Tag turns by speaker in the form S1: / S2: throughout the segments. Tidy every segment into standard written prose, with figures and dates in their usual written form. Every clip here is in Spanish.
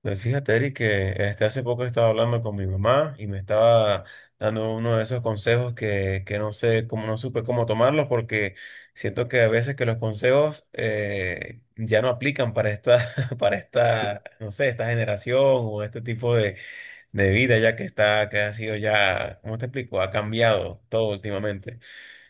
S1: Pues fíjate, Eric, que hace poco estaba hablando con mi mamá y me estaba dando uno de esos consejos que no sé cómo, no supe cómo tomarlos porque siento que a veces que los consejos ya no aplican para para esta, no sé, esta generación o este tipo de vida, ya que está, que ha sido ya, ¿cómo te explico? Ha cambiado todo últimamente.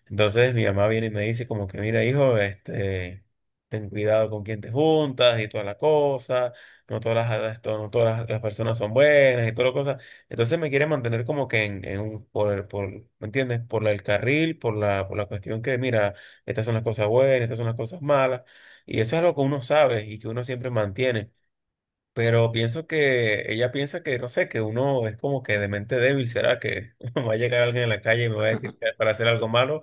S1: Entonces mi mamá viene y me dice como que, mira, hijo, ten cuidado con quién te juntas y toda la cosa, no todas las personas son buenas y toda la cosa. Entonces me quiere mantener como que en un, ¿me entiendes? El carril, por la cuestión que, mira, estas son las cosas buenas, estas son las cosas malas. Y eso es algo que uno sabe y que uno siempre mantiene. Pero pienso que ella piensa que, no sé, que uno es como que de mente débil. ¿Será que va a llegar alguien en la calle y me va a decir para hacer algo malo?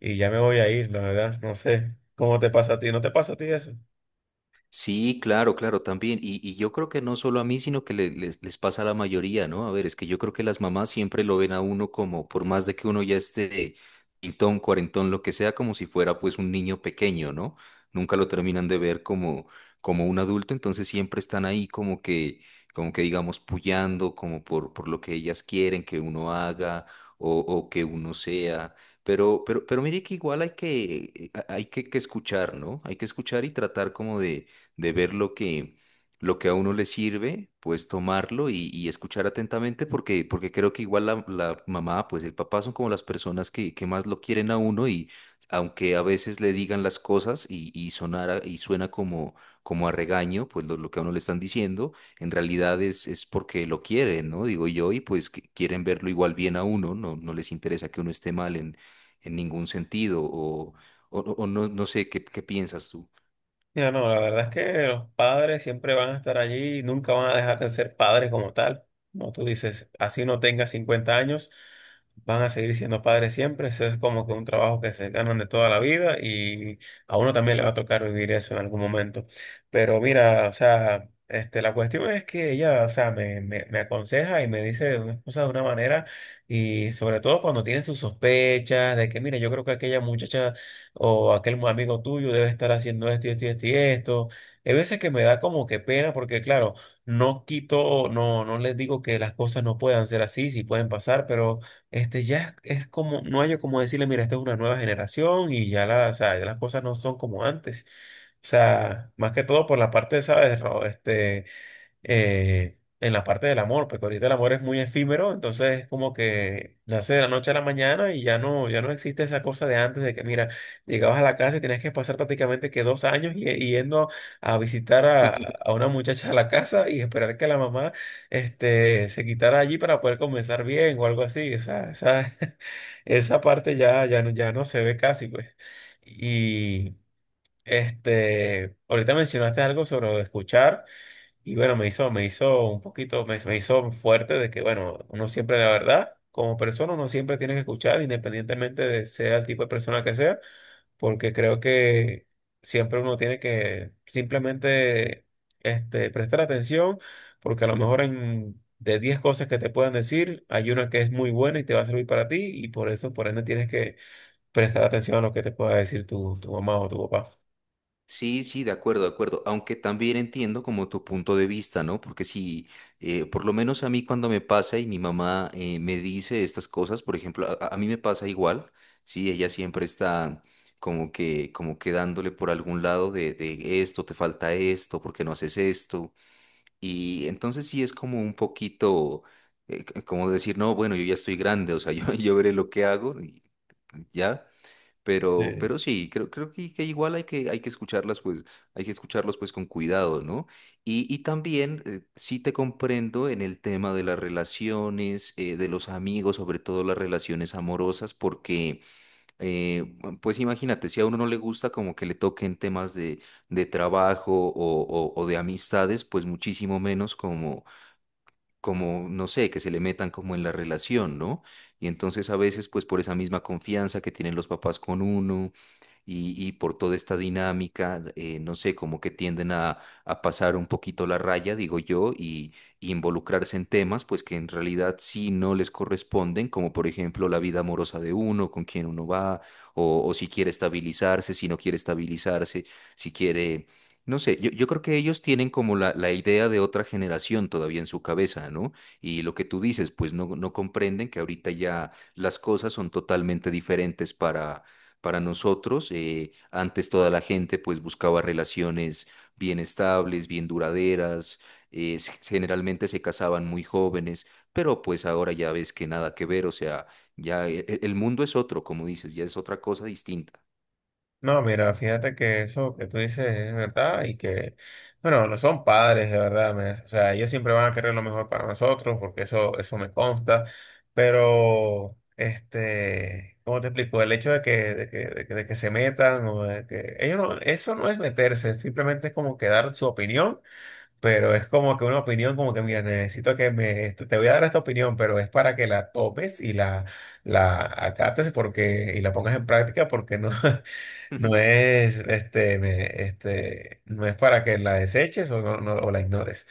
S1: Y ya me voy a ir, la verdad. No sé cómo te pasa a ti, ¿no te pasa a ti eso?
S2: Sí, claro, claro, también. Y yo creo que no solo a mí, sino que les pasa a la mayoría, ¿no? A ver, es que yo creo que las mamás siempre lo ven a uno como, por más de que uno ya esté pintón, cuarentón, lo que sea, como si fuera pues un niño pequeño, ¿no? Nunca lo terminan de ver como, como un adulto, entonces siempre están ahí como que digamos, puyando, como por lo que ellas quieren que uno haga o que uno sea. Pero mire que igual hay que hay que escuchar, ¿no? Hay que escuchar y tratar como de ver lo que a uno le sirve, pues tomarlo y escuchar atentamente, porque, porque creo que igual la mamá, pues el papá son como las personas que más lo quieren a uno y aunque a veces le digan las cosas y sonara, y suena como, como a regaño, pues lo que a uno le están diciendo, en realidad es porque lo quieren, ¿no? Digo yo, y pues que quieren verlo igual bien a uno, no les interesa que uno esté mal en ningún sentido, o, o no sé qué, qué piensas tú.
S1: Mira, no, la verdad es que los padres siempre van a estar allí y nunca van a dejar de ser padres como tal. Como tú dices, así no tengas 50 años, van a seguir siendo padres siempre. Eso es como que un trabajo que se ganan de toda la vida y a uno también le va a tocar vivir eso en algún momento. Pero mira, o sea, la cuestión es que ella, o sea, me aconseja y me dice unas cosas de una manera y sobre todo cuando tiene sus sospechas de que, mira, yo creo que aquella muchacha o aquel amigo tuyo debe estar haciendo esto y esto y esto y esto. Hay veces que me da como que pena porque, claro, no quito, no, no les digo que las cosas no puedan ser así, sí pueden pasar, pero ya es como, no hay como decirle, mira, esta es una nueva generación y ya, o sea, ya las cosas no son como antes. O sea, más que todo por la parte, ¿sabes? Ro? Eh, en la parte del amor, porque ahorita el amor es muy efímero, entonces es como que nace de la noche a la mañana y ya no existe esa cosa de antes de que, mira, llegabas a la casa y tenías que pasar prácticamente que 2 años y yendo a visitar a una muchacha a la casa y esperar que la mamá se quitara allí para poder comenzar bien o algo así. Esa parte ya no se ve casi, pues. Y ahorita mencionaste algo sobre lo de escuchar. Y bueno, me hizo un poquito, me hizo fuerte de que, bueno, uno siempre, la verdad, como persona, uno siempre tiene que escuchar, independientemente de sea el tipo de persona que sea, porque creo que siempre uno tiene que simplemente prestar atención, porque a lo mejor en, de 10 cosas que te puedan decir, hay una que es muy buena y te va a servir para ti, y por eso, por ende, tienes que prestar atención a lo que te pueda decir tu mamá o tu papá.
S2: Sí, sí, de acuerdo, de acuerdo. Aunque también entiendo como tu punto de vista, ¿no? Porque si, por lo menos a mí cuando me pasa y mi mamá me dice estas cosas, por ejemplo, a mí me pasa igual, sí, ella siempre está como que dándole por algún lado de esto, te falta esto, ¿por qué no haces esto? Y entonces sí es como un poquito, como decir, no, bueno, yo ya estoy grande, o sea, yo veré lo que hago y ya. Pero,
S1: Sí.
S2: pero sí, creo que igual hay hay que escucharlas, pues, hay que escucharlos pues con cuidado, ¿no? Y también sí te comprendo en el tema de las relaciones, de los amigos, sobre todo las relaciones amorosas, porque, eh, pues imagínate, si a uno no le gusta como que le toquen temas de trabajo o de amistades, pues muchísimo menos como, no sé, que se le metan como en la relación, ¿no? Y entonces a veces, pues por esa misma confianza que tienen los papás con uno y por toda esta dinámica, no sé, como que tienden a pasar un poquito la raya, digo yo, y involucrarse en temas, pues que en realidad sí no les corresponden, como por ejemplo la vida amorosa de uno, con quién uno va, o si quiere estabilizarse, si no quiere estabilizarse, si quiere no sé, yo creo que ellos tienen como la idea de otra generación todavía en su cabeza, ¿no? Y lo que tú dices, pues no, no comprenden que ahorita ya las cosas son totalmente diferentes para nosotros. Antes toda la gente pues buscaba relaciones bien estables, bien duraderas, generalmente se casaban muy jóvenes, pero pues ahora ya ves que nada que ver, o sea, ya el mundo es otro, como dices, ya es otra cosa distinta.
S1: No, mira, fíjate que eso que tú dices es verdad y que, bueno, no son padres, de verdad, o sea, ellos siempre van a querer lo mejor para nosotros porque eso me consta, pero, ¿cómo te explico? El hecho de que, de que se metan o de que ellos no, eso no es meterse, simplemente es como que dar su opinión, pero es como que una opinión como que, mira, necesito te voy a dar esta opinión, pero es para que la tomes y la acates porque, y la pongas en práctica porque no. No es, este, me- este, no es para que la deseches o, no, o la ignores.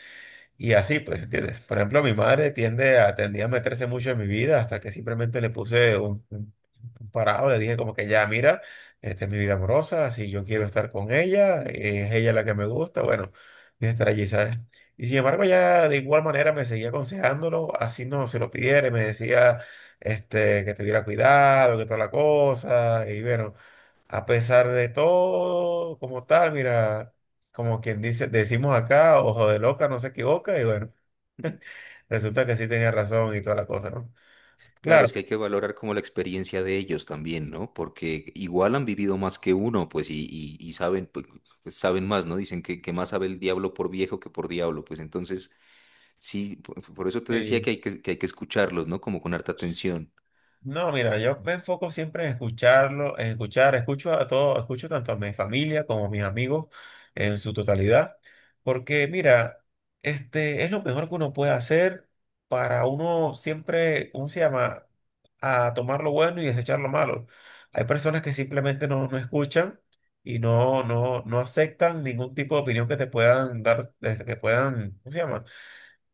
S1: Y así, pues, ¿entiendes? Por ejemplo, mi madre tendía a meterse mucho en mi vida hasta que simplemente le puse un parado, le dije como que ya, mira, esta es mi vida amorosa, si yo quiero estar con ella, es ella la que me gusta, bueno, voy a estar allí, ¿sabes? Y sin embargo, ya de igual manera me seguía aconsejándolo, así no se lo pidiera, y me decía, que tuviera cuidado, que toda la cosa, y bueno. A pesar de todo, como tal, mira, como quien dice, decimos acá, ojo de loca, no se equivoca, y bueno, resulta que sí tenía razón y toda la cosa, ¿no?
S2: Claro, es
S1: Claro.
S2: que hay que valorar como la experiencia de ellos también, ¿no? Porque igual han vivido más que uno, pues, y saben, pues, pues, saben más, ¿no? Dicen que más sabe el diablo por viejo que por diablo, pues entonces, sí, por eso te decía
S1: Sí.
S2: que hay que hay que escucharlos, ¿no? Como con harta atención.
S1: No, mira, yo me enfoco siempre en escucharlo, en escuchar, escucho a todo, escucho tanto a mi familia como a mis amigos en su totalidad, porque mira, este es lo mejor que uno puede hacer para uno siempre, ¿cómo se llama? A tomar lo bueno y desechar lo malo. Hay personas que simplemente no, no escuchan y no, no aceptan ningún tipo de opinión que te puedan dar, desde que puedan, ¿cómo se llama?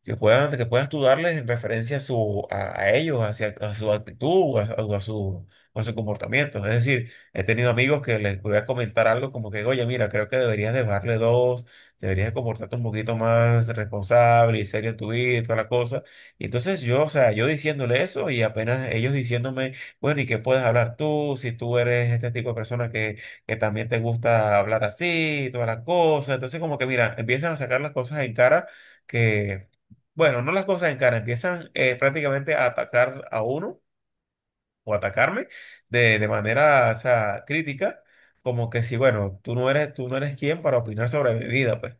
S1: Que puedas tú darles en referencia a, su, a ellos, hacia, a su actitud, a su comportamiento. Es decir, he tenido amigos que les voy a comentar algo como que, oye, mira, creo que deberías de bajarle dos, deberías comportarte un poquito más responsable y serio en tu vida y toda la cosa. Y entonces yo, o sea, yo diciéndole eso y apenas ellos diciéndome, bueno, ¿y qué puedes hablar tú si tú eres este tipo de persona que también te gusta hablar así y toda la cosa? Entonces como que, mira, empiezan a sacar las cosas en cara que bueno, no las cosas en cara, empiezan prácticamente a atacar a uno o atacarme de manera, o sea, crítica, como que si, bueno, tú no eres quien para opinar sobre mi vida, pues.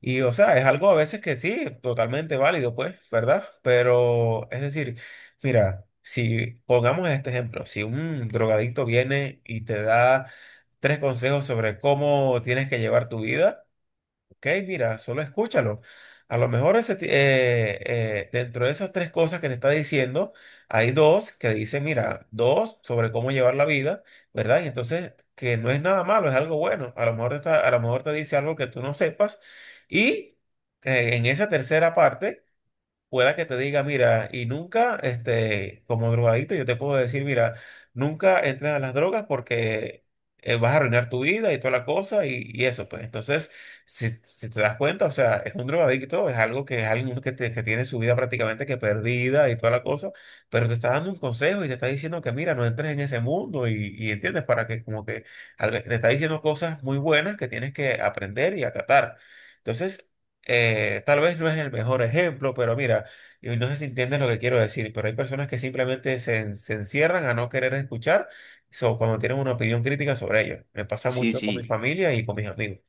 S1: Y, o sea, es algo a veces que sí, totalmente válido, pues, ¿verdad? Pero, es decir, mira, si pongamos este ejemplo, si un drogadicto viene y te da tres consejos sobre cómo tienes que llevar tu vida, ok, mira, solo escúchalo. A lo mejor ese dentro de esas tres cosas que te está diciendo, hay dos que dicen, mira, dos sobre cómo llevar la vida, ¿verdad? Y entonces, que no es nada malo, es algo bueno. A lo mejor a lo mejor te dice algo que tú no sepas. Y en esa tercera parte pueda que te diga, mira, y nunca, como drogadito, yo te puedo decir, mira, nunca entres a las drogas porque vas a arruinar tu vida y toda la cosa y eso, pues. Entonces, si, si te das cuenta, o sea, es un drogadicto, es algo que es alguien que, que tiene su vida prácticamente que perdida y toda la cosa, pero te está dando un consejo y te está diciendo que, mira, no entres en ese mundo y entiendes, para que como que te está diciendo cosas muy buenas que tienes que aprender y acatar. Entonces, tal vez no es el mejor ejemplo, pero mira, y no sé si entiendes lo que quiero decir, pero hay personas que simplemente se encierran a no querer escuchar so, cuando tienen una opinión crítica sobre ellos. Me pasa
S2: Sí,
S1: mucho con mi
S2: sí,
S1: familia y con mis amigos.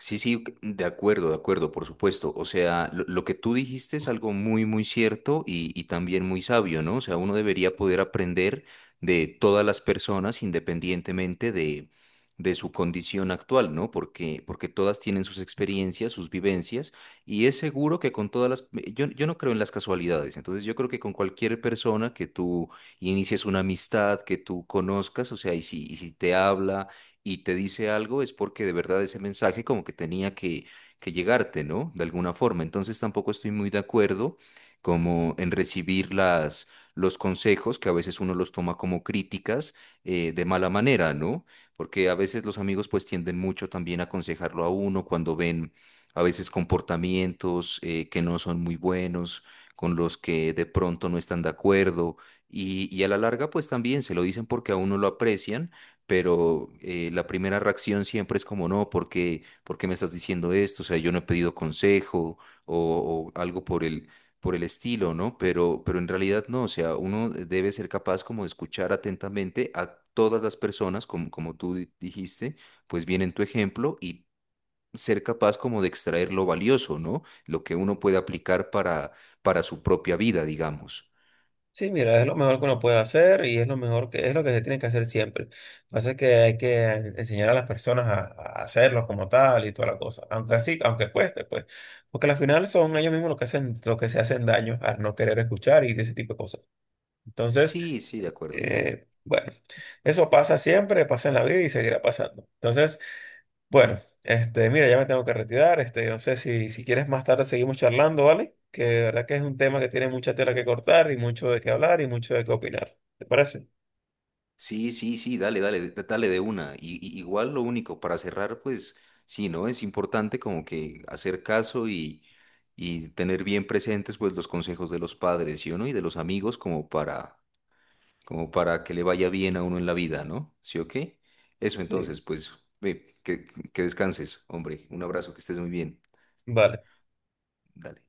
S2: sí, sí, de acuerdo, por supuesto. O sea, lo que tú dijiste es algo muy, muy cierto y también muy sabio, ¿no? O sea, uno debería poder aprender de todas las personas independientemente de su condición actual, ¿no? Porque, porque todas tienen sus experiencias, sus vivencias y es seguro que con todas Yo, yo no creo en las casualidades, entonces yo creo que con cualquier persona que tú inicies una amistad, que tú conozcas, o sea, y si te habla y te dice algo, es porque de verdad ese mensaje como que tenía que llegarte, ¿no? De alguna forma. Entonces tampoco estoy muy de acuerdo como en recibir los consejos, que a veces uno los toma como críticas de mala manera, ¿no? Porque a veces los amigos pues tienden mucho también a aconsejarlo a uno cuando ven a veces comportamientos que no son muy buenos, con los que de pronto no están de acuerdo y a la larga pues también se lo dicen porque a uno lo aprecian pero la primera reacción siempre es como, no, por qué me estás diciendo esto? O sea, yo no he pedido consejo o algo por el estilo, ¿no? Pero en realidad no, o sea, uno debe ser capaz como de escuchar atentamente a todas las personas, como, como tú dijiste, pues bien en tu ejemplo y ser capaz como de extraer lo valioso, ¿no? Lo que uno puede aplicar para su propia vida, digamos.
S1: Sí, mira, es lo mejor que uno puede hacer y es lo mejor que es lo que se tiene que hacer siempre. Pasa que hay que enseñar a las personas a hacerlo como tal y toda la cosa, aunque así, aunque cueste, pues, porque al final son ellos mismos los que hacen, los que se hacen daño al no querer escuchar y de ese tipo de cosas. Entonces,
S2: Sí, sí, de acuerdo.
S1: Bueno, eso pasa siempre, pasa en la vida y seguirá pasando. Entonces, bueno, mira, ya me tengo que retirar. No sé si quieres más tarde seguimos charlando, ¿vale? Que de verdad que es un tema que tiene mucha tela que cortar y mucho de qué hablar y mucho de qué opinar. ¿Te parece?
S2: Sí, sí, sí, dale, dale, dale de una. Igual lo único, para cerrar, pues sí, ¿no? Es importante como que hacer caso y tener bien presentes pues los consejos de los padres, ¿sí o no? Y de los amigos como para, como para que le vaya bien a uno en la vida, ¿no? ¿Sí o qué? Eso entonces,
S1: Sí.
S2: pues, ve, que descanses, hombre. Un abrazo, que estés muy bien.
S1: Vale.
S2: Dale.